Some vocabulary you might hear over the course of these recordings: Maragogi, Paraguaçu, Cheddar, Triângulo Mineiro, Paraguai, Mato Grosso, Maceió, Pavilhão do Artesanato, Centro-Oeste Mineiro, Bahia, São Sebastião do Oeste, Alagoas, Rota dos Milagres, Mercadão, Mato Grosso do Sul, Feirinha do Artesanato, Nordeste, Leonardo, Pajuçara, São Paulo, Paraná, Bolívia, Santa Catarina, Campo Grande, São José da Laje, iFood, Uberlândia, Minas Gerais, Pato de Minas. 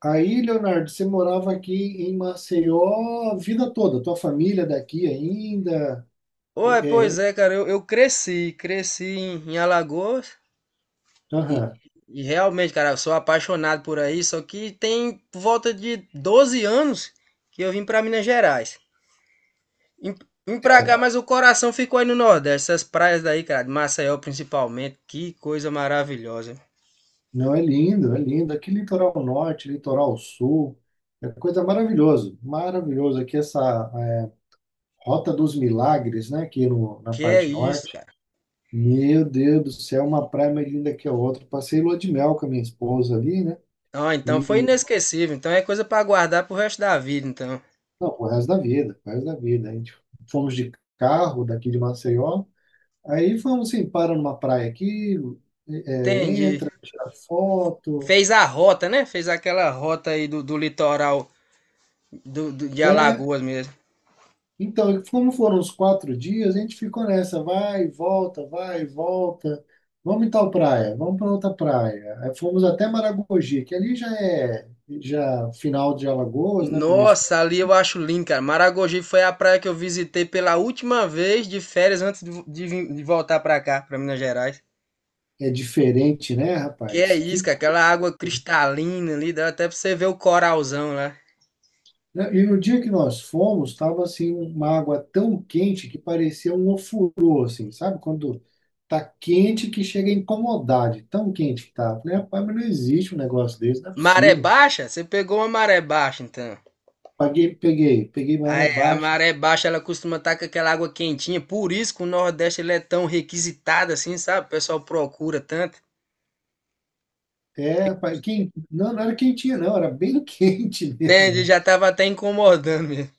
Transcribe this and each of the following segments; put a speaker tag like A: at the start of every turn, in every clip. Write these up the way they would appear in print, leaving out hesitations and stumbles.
A: Aí, Leonardo, você morava aqui em Maceió a vida toda, tua família daqui ainda.
B: Ué,
A: É, é,
B: pois é, cara, eu cresci em Alagoas
A: aham,
B: e realmente, cara, eu sou apaixonado por aí, só que tem por volta de 12 anos que eu vim pra Minas Gerais. Vim vim pra cá,
A: é.
B: mas o coração ficou aí no Nordeste, essas praias daí, cara, de Maceió principalmente, que coisa maravilhosa.
A: Não, é lindo, é lindo. Aqui litoral norte, litoral sul, é coisa maravilhosa, maravilhoso. Aqui essa é, Rota dos Milagres, né, aqui no, na
B: Que é
A: parte
B: isso,
A: norte.
B: cara.
A: Meu Deus do céu, uma praia mais linda que a outra. Passei lua de mel com a minha esposa ali, né?
B: Ah, então foi
A: E,
B: inesquecível, então é coisa pra guardar pro resto da vida, então.
A: não, o resto da vida, o resto da vida. A gente fomos de carro daqui de Maceió. Aí fomos assim, para numa praia aqui,
B: Entendi.
A: entra, tira foto.
B: Fez a rota, né? Fez aquela rota aí do litoral de
A: É,
B: Alagoas mesmo.
A: então, como foram os 4 dias, a gente ficou nessa, vai, volta, vai, volta. Vamos em tal praia, vamos para outra praia. Aí fomos até Maragogi, que ali já é já final de Alagoas, né? Começo de...
B: Nossa, ali eu acho lindo, cara. Maragogi foi a praia que eu visitei pela última vez de férias antes de voltar pra cá, pra Minas Gerais.
A: É diferente, né,
B: Que é
A: rapaz?
B: isso,
A: Que
B: cara, aquela água cristalina ali, dá até pra você ver o coralzão lá.
A: né? E no dia que nós fomos, estava assim uma água tão quente que parecia um ofurô, assim, sabe? Quando tá quente que chega a incomodar, de tão quente que tá. Falei, rapaz, mas não existe um negócio desse, não é
B: Maré
A: possível.
B: baixa? Você pegou uma maré baixa, então.
A: Peguei
B: Ah,
A: maré
B: é, a
A: baixa.
B: maré baixa, ela costuma estar com aquela água quentinha, por isso que o Nordeste ele é tão requisitado assim, sabe? O pessoal procura tanto.
A: É, rapaz, quem, não, não era quentinha, não, era bem quente
B: Entende?
A: mesmo.
B: Já tava até incomodando mesmo.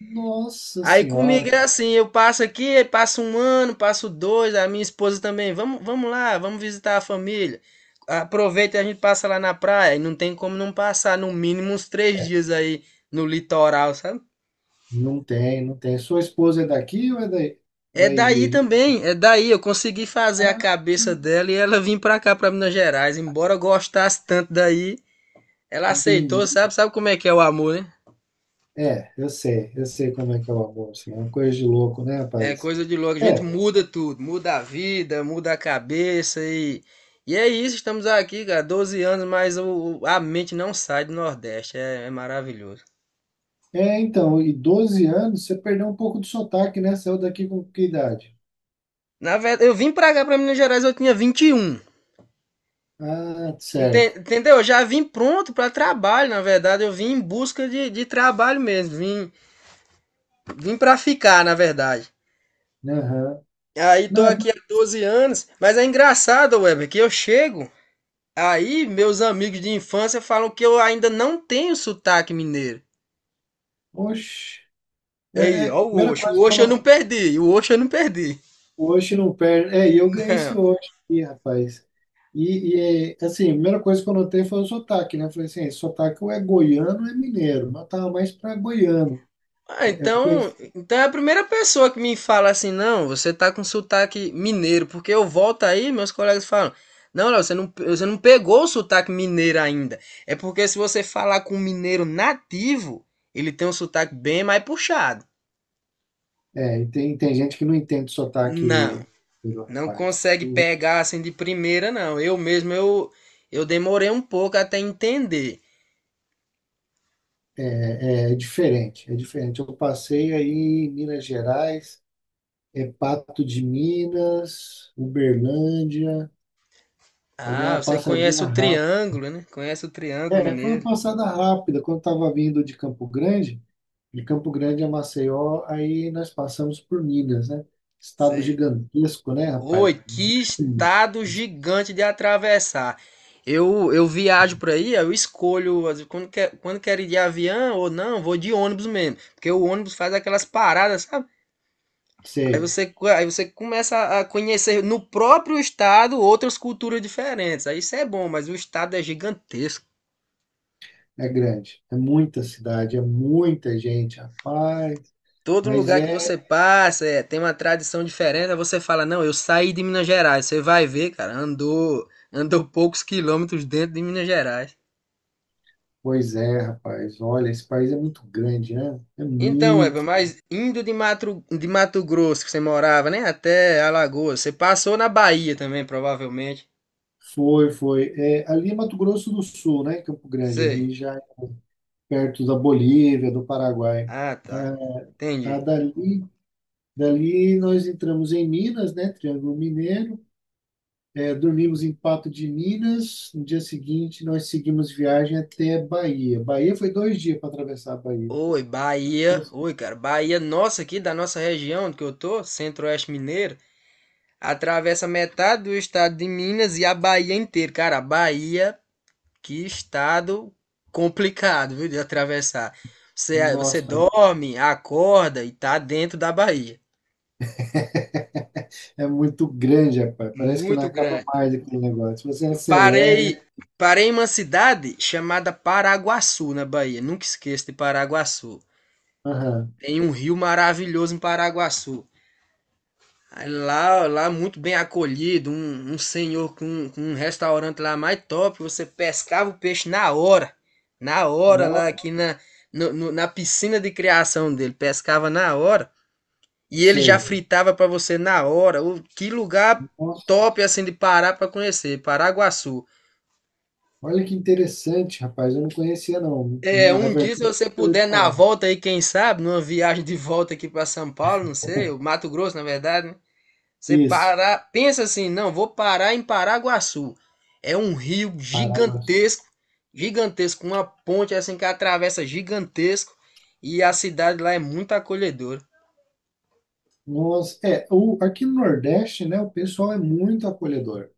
A: Nossa
B: Aí
A: Senhora,
B: comigo é
A: cara.
B: assim, eu passo aqui, aí passa um ano, passo dois, a minha esposa também, vamos, vamos lá, vamos visitar a família. Aproveita e a gente passa lá na praia, e não tem como não passar no mínimo uns 3 dias aí no litoral, sabe?
A: Não tem, não tem. Sua esposa é daqui ou é daí,
B: É
A: daí
B: daí
A: de...
B: também, é daí, eu consegui fazer a
A: Ah,
B: cabeça dela e ela vir pra cá, pra Minas Gerais, embora eu gostasse tanto daí, ela aceitou,
A: entendi.
B: sabe? Sabe como é que é o amor, né?
A: É, eu sei como é que é o amor, assim, é uma coisa de louco, né,
B: É
A: rapaz?
B: coisa de louco, a gente
A: É,
B: muda tudo, muda a vida, muda a cabeça e. E é isso, estamos aqui, cara, 12 anos, mas a mente não sai do Nordeste, é, é maravilhoso.
A: é, então, e 12 anos, você perdeu um pouco do sotaque, né? Saiu daqui com que idade?
B: Na verdade, eu vim pra cá, pra Minas Gerais, eu tinha 21.
A: Ah, certo.
B: Entendeu? Eu já vim pronto pra trabalho, na verdade, eu vim em busca de trabalho mesmo, vim para ficar, na verdade.
A: Aham.
B: Aí tô
A: Não,
B: aqui há 12 anos, mas é engraçado, Weber, que eu chego, aí meus amigos de infância falam que eu ainda não tenho sotaque mineiro.
A: oxe,
B: E aí,
A: a
B: ó, o
A: primeira
B: Osho.
A: coisa
B: O
A: que eu
B: Osho eu não
A: não,
B: perdi. O Osho eu não perdi.
A: hoje não perde, é, e eu ganhei esse
B: Não.
A: hoje aqui, rapaz. E, assim, a primeira coisa que eu notei foi o sotaque, né? Eu falei assim, "Esse sotaque ou é goiano ou é mineiro, mas eu tava mais pra goiano."
B: Ah,
A: Eu
B: então,
A: conheci.
B: então é a primeira pessoa que me fala assim, não, você tá com sotaque mineiro, porque eu volto aí, meus colegas falam, não, Léo, você não pegou o sotaque mineiro ainda. É porque se você falar com um mineiro nativo, ele tem um sotaque bem mais puxado.
A: É, e tem gente que não entende o
B: Não,
A: sotaque do
B: não
A: rapaz.
B: consegue
A: Uhum.
B: pegar assim de primeira, não. Eu mesmo, eu demorei um pouco até entender.
A: É, é diferente, é diferente. Eu passei aí em Minas Gerais, Pato de Minas, Uberlândia. Eu dei
B: Ah,
A: uma
B: você conhece
A: passadinha
B: o
A: rápida.
B: Triângulo, né? Conhece o Triângulo
A: É, foi uma
B: Mineiro.
A: passada rápida. Quando estava vindo de Campo Grande, a Maceió, aí nós passamos por Minas, né? Estado
B: Sei.
A: gigantesco, né, rapaz?
B: Oi, que estado gigante de atravessar. Eu viajo por aí, eu escolho às vezes, quando quero ir de avião ou não, vou de ônibus mesmo. Porque o ônibus faz aquelas paradas, sabe? Aí
A: Sério,
B: você, co- aí você começa a conhecer no próprio estado outras culturas diferentes. Aí isso é bom, mas o estado é gigantesco.
A: é grande. É muita cidade, é muita gente, rapaz.
B: Todo
A: Mas
B: lugar que
A: é.
B: você passa, é, tem uma tradição diferente, aí você fala, não, eu saí de Minas Gerais. Você vai ver, cara, andou, andou poucos quilômetros dentro de Minas Gerais.
A: Pois é, rapaz. Olha, esse país é muito grande, né? É
B: Então, Eva,
A: muito.
B: mas indo de Mato Grosso, que você morava, né, até Alagoas, você passou na Bahia também, provavelmente.
A: Foi, foi. É, ali é Mato Grosso do Sul, né? Campo Grande,
B: Sei.
A: ali já perto da Bolívia, do Paraguai.
B: Ah, tá.
A: Ah, ah,
B: Entendi.
A: dali nós entramos em Minas, né? Triângulo Mineiro. É, dormimos em Pato de Minas. No dia seguinte, nós seguimos viagem até Bahia. Bahia foi 2 dias para atravessar a Bahia.
B: Oi, Bahia.
A: Mas,
B: Oi, cara. Bahia, nossa, aqui da nossa região que eu tô, Centro-Oeste Mineiro, atravessa metade do estado de Minas e a Bahia inteira. Cara, a Bahia, que estado complicado, viu, de atravessar. Você, você
A: nossa,
B: dorme, acorda e tá dentro da Bahia.
A: é muito grande, rapaz. Parece que não
B: Muito
A: acaba
B: grande.
A: mais aquele negócio. Você
B: Eu
A: acelera.
B: parei, parei em uma cidade chamada Paraguaçu, na Bahia. Nunca esqueço de Paraguaçu.
A: Aham.
B: Tem um rio maravilhoso em Paraguaçu. Aí lá, lá muito bem acolhido, um senhor com um restaurante lá mais top, você pescava o peixe na hora lá
A: Uau,
B: aqui na, no- no- na piscina de criação dele, pescava na hora e ele já
A: sei.
B: fritava pra você na hora. O, que lugar
A: Nossa,
B: top assim de parar pra conhecer, Paraguaçu.
A: olha que interessante, rapaz. Eu não conhecia, não.
B: É,
A: Na
B: um
A: verdade,
B: dia se você
A: eu nunca ouvi
B: puder na
A: falar.
B: volta aí, quem sabe, numa viagem de volta aqui pra São Paulo, não sei, o Mato Grosso na verdade, né? Você
A: Isso,
B: para, pensa assim, não, vou parar em Paraguaçu. É um rio
A: Paraguaçu.
B: gigantesco, gigantesco, uma ponte assim que atravessa gigantesco e a cidade lá é muito acolhedora.
A: Nossa, aqui no Nordeste, né, o pessoal é muito acolhedor.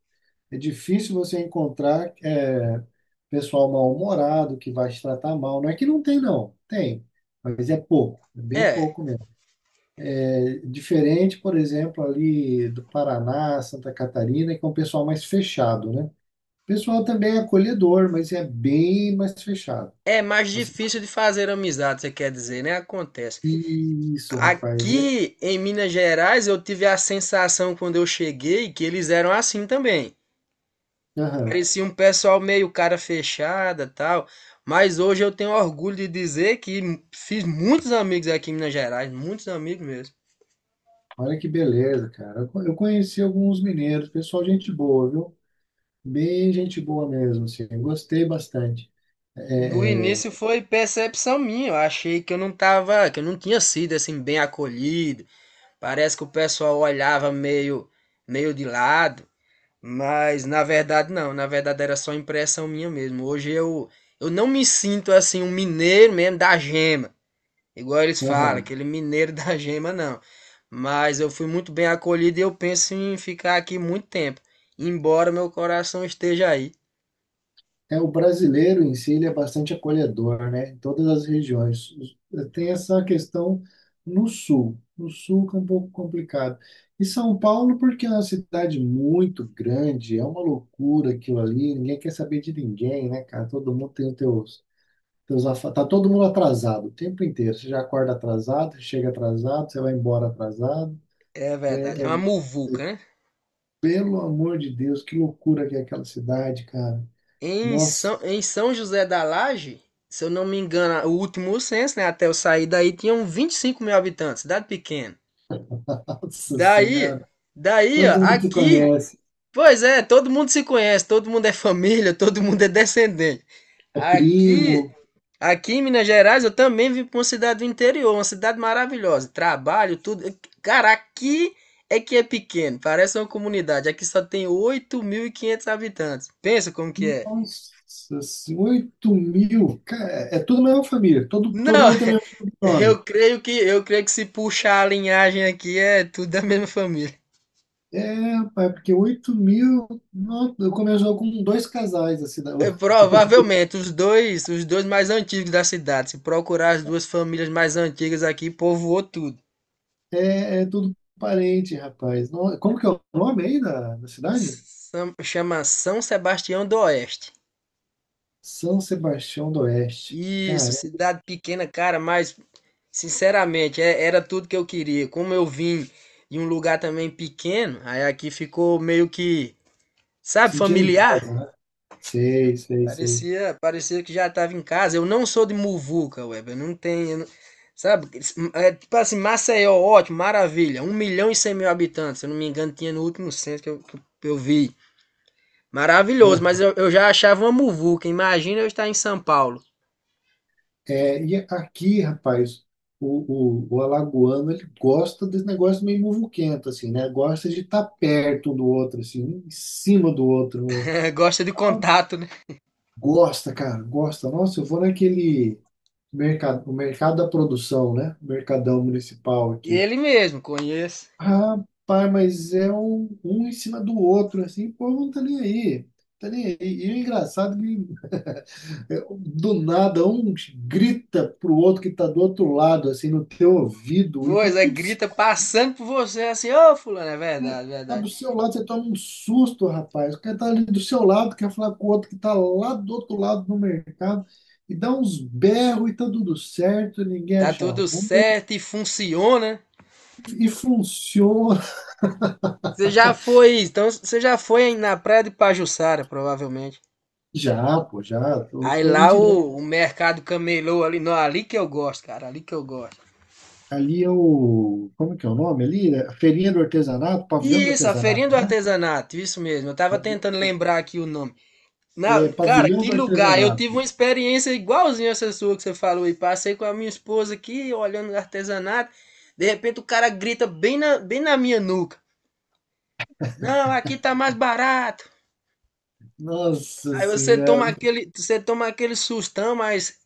A: É difícil você encontrar pessoal mal-humorado que vai te tratar mal. Não é que não tem, não. Tem, mas é pouco, é bem
B: É,
A: pouco mesmo. É diferente, por exemplo, ali do Paraná, Santa Catarina, que é um pessoal mais fechado, né? O pessoal também é acolhedor, mas é bem mais fechado.
B: é mais
A: Nossa,
B: difícil de fazer amizade, você quer dizer, né? Acontece.
A: isso, rapaz. É...
B: Aqui em Minas Gerais eu tive a sensação quando eu cheguei que eles eram assim também.
A: aham.
B: Parecia um pessoal meio cara fechada, tal, mas hoje eu tenho orgulho de dizer que fiz muitos amigos aqui em Minas Gerais, muitos amigos mesmo.
A: Olha que beleza, cara. Eu conheci alguns mineiros, pessoal, gente boa, viu? Bem gente boa mesmo, assim. Gostei bastante.
B: No
A: É,
B: início
A: é,
B: foi percepção minha, eu achei que eu não tava, que eu não tinha sido assim bem acolhido. Parece que o pessoal olhava meio de lado, mas na verdade não, na verdade era só impressão minha mesmo. Hoje eu não me sinto assim um mineiro mesmo da gema. Igual eles falam,
A: aham.
B: aquele mineiro da gema, não. Mas eu fui muito bem acolhido e eu penso em ficar aqui muito tempo, embora meu coração esteja aí.
A: É, o brasileiro em si, ele é bastante acolhedor, né? Em todas as regiões. Os-. Tem essa questão no sul. No sul que é um pouco complicado. E São Paulo, porque é uma cidade muito grande, é uma loucura aquilo ali, ninguém quer saber de ninguém, né, cara? Todo mundo tem os teus, teus afa- Tá todo mundo atrasado o tempo inteiro. Você já acorda atrasado, chega atrasado, você vai embora atrasado.
B: É
A: É,
B: verdade, é
A: é,
B: uma muvuca, né?
A: pelo amor de Deus, que loucura que é aquela cidade, cara. Nossa,
B: Em São José da Laje, se eu não me engano, o último censo, né? Até eu sair daí, tinham 25 mil habitantes, cidade pequena.
A: nossa
B: Daí,
A: senhora.
B: daí, ó,
A: Todo mundo se
B: aqui,
A: conhece.
B: pois é, todo mundo se conhece, todo mundo é família, todo mundo é descendente.
A: É
B: Aqui,
A: primo.
B: Aqui em Minas Gerais eu também vim para uma cidade do interior, uma cidade maravilhosa. Trabalho, tudo. Cara, aqui é que é pequeno, parece uma comunidade. Aqui só tem 8.500 habitantes. Pensa como que é.
A: Nossa, assim, 8 mil. Cara, é tudo a mesma família. Todo
B: Não,
A: mundo tem o mesmo sobrenome.
B: eu creio que se puxar a linhagem aqui é tudo da mesma família.
A: É, rapaz, porque 8 mil. Nossa, eu começou com dois casais assim, da
B: É,
A: cidade.
B: provavelmente os dois mais antigos da cidade. Se procurar as duas famílias mais antigas aqui, povoou tudo.
A: É, é tudo parente, rapaz. Como que é o nome aí da cidade?
B: Chama São Sebastião do Oeste.
A: São Sebastião do Oeste.
B: Isso,
A: Cara,
B: cidade pequena, cara, mas sinceramente, era tudo que eu queria. Como eu vim de um lugar também pequeno, aí aqui ficou meio que, sabe,
A: sentiram em
B: familiar.
A: casa, né? Sei, sei, sei.
B: Parecia, parecia que já estava em casa. Eu não sou de muvuca, Web. Eu não tenho, eu não- sabe? É, tipo assim, Maceió, ótimo, maravilha. 1.100.000 habitantes, se eu não me engano, tinha no último censo que eu vi. Maravilhoso,
A: Né?
B: mas eu já achava uma muvuca. Imagina eu estar em São Paulo.
A: É, e aqui, rapaz, o alagoano, ele gosta desse negócio meio muvuquento, assim, né? Gosta de estar perto um do outro, assim, um em cima do outro mesmo.
B: Gosta de contato, né?
A: Gosta, cara, gosta. Nossa, eu vou naquele mercado, o mercado da produção, né? Mercadão municipal aqui.
B: Ele mesmo, conheço.
A: Rapaz, mas é um em cima do outro, assim, pô, não tá nem aí. Tá nem aí. E o engraçado é que é, do nada, um grita pro outro que tá do outro lado, assim, no teu ouvido, e tá
B: Pois é,
A: tudo
B: grita
A: certo.
B: passando por você assim, ô fulano, é verdade,
A: Tá
B: verdade.
A: do seu lado, você toma um susto, rapaz. O cara tá ali do seu lado, quer falar com o outro que tá lá do outro lado no mercado, e dá uns berros e tá tudo certo, ninguém
B: Tá
A: acha
B: tudo
A: ruim,
B: certo e funciona.
A: e funciona.
B: Você já foi, então você já foi na praia de Pajuçara, provavelmente.
A: Já, pô, já, tô,
B: Aí
A: tô ali
B: lá o,
A: direto.
B: o mercado camelô ali, não, ali que eu gosto, cara, ali que eu gosto.
A: Ali é o. Como que é o nome ali? É a Feirinha do Artesanato, Pavilhão do
B: Isso, a feirinha
A: Artesanato,
B: do
A: né?
B: artesanato, isso mesmo. Eu tava tentando lembrar aqui o nome.
A: É,
B: Na, cara,
A: Pavilhão
B: que
A: do
B: lugar! Eu tive
A: Artesanato.
B: uma experiência igualzinha essa sua que você falou e passei com a minha esposa aqui olhando o artesanato. De repente o cara grita bem na minha nuca. Não, aqui tá mais barato.
A: Nossa
B: Aí você
A: senhora.
B: toma aquele, você toma aquele sustão, mas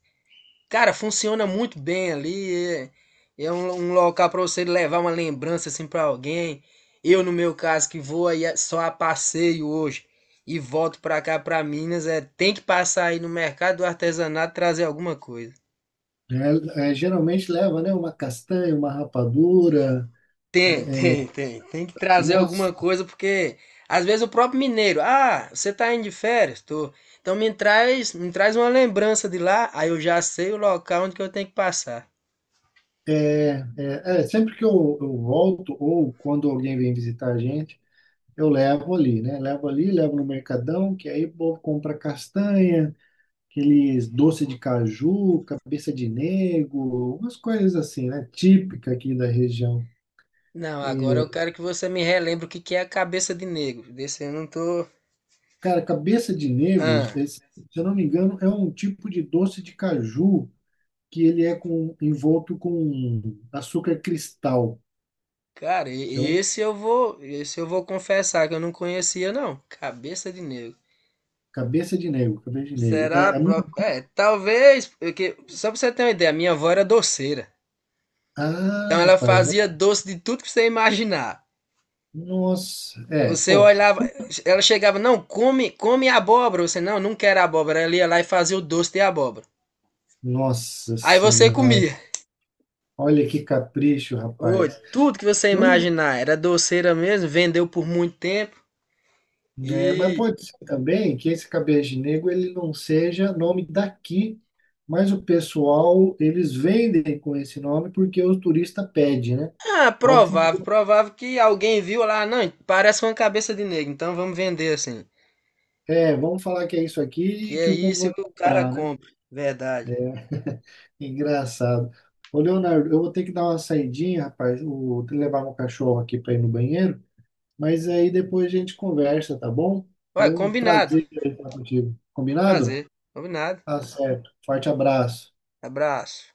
B: cara, funciona muito bem ali. É um local para você levar uma lembrança assim para alguém. Eu, no meu caso, que vou aí só a passeio hoje e volto para cá para Minas, é, tem que passar aí no mercado do artesanato e trazer alguma coisa.
A: É, é, geralmente leva, né? Uma castanha, uma rapadura.
B: Tem, tem, tem. Tem que trazer alguma
A: Nossa,
B: coisa, porque às vezes o próprio mineiro, ah, você tá indo de férias? Tô. Então me traz uma lembrança de lá, aí eu já sei o local onde que eu tenho que passar.
A: sempre que eu volto ou quando alguém vem visitar a gente, eu levo ali, né? Levo ali, levo no mercadão, que aí o povo compra castanha, aqueles doce de caju, cabeça de nego, umas coisas assim, né? Típica aqui da região.
B: Não, agora eu
A: É,
B: quero que você me relembre o que que é a cabeça de negro. Desse eu não tô.
A: cara, cabeça de nego,
B: Ah,
A: esse, se eu não me engano, é um tipo de doce de caju que ele é com, envolto com açúcar cristal.
B: cara, e-
A: Então,
B: esse eu vou, esse eu vou confessar que eu não conhecia não. Cabeça de negro.
A: cabeça de negro, cabeça de negro.
B: Será?
A: É, a minha...
B: É, talvez, porque só pra você ter uma ideia, minha avó era doceira.
A: Ah,
B: Então ela
A: rapaz, ó,
B: fazia doce de tudo que você imaginar.
A: nossa. É,
B: Você
A: bom,
B: olhava, ela chegava, não, come, come abóbora. Você, não, não quero abóbora. Ela ia lá e fazia o doce de abóbora.
A: nossa
B: Aí você
A: senhora.
B: comia.
A: Olha que capricho,
B: Oi,
A: rapaz.
B: tudo que você
A: Eu não,
B: imaginar era doceira mesmo, vendeu por muito tempo
A: né, mas
B: e.
A: pode ser também que esse cabeça de negro ele não seja nome daqui, mas o pessoal, eles vendem com esse nome porque o turista pede, né?
B: Ah,
A: Pode ser.
B: provável, provável que alguém viu lá, não, parece uma cabeça de negro, então vamos vender assim.
A: É, vamos falar que é isso
B: Que
A: aqui que
B: é
A: o povo
B: isso,
A: vai
B: o cara
A: comprar, né?
B: compra, verdade.
A: É, engraçado. Ô, Leonardo, eu vou ter que dar uma saidinha, rapaz, levar meu cachorro aqui para ir no banheiro, mas aí depois a gente conversa, tá bom? Foi
B: Ué,
A: um
B: combinado,
A: prazer falar contigo. Combinado?
B: prazer, combinado,
A: Tá certo. Forte abraço.
B: abraço.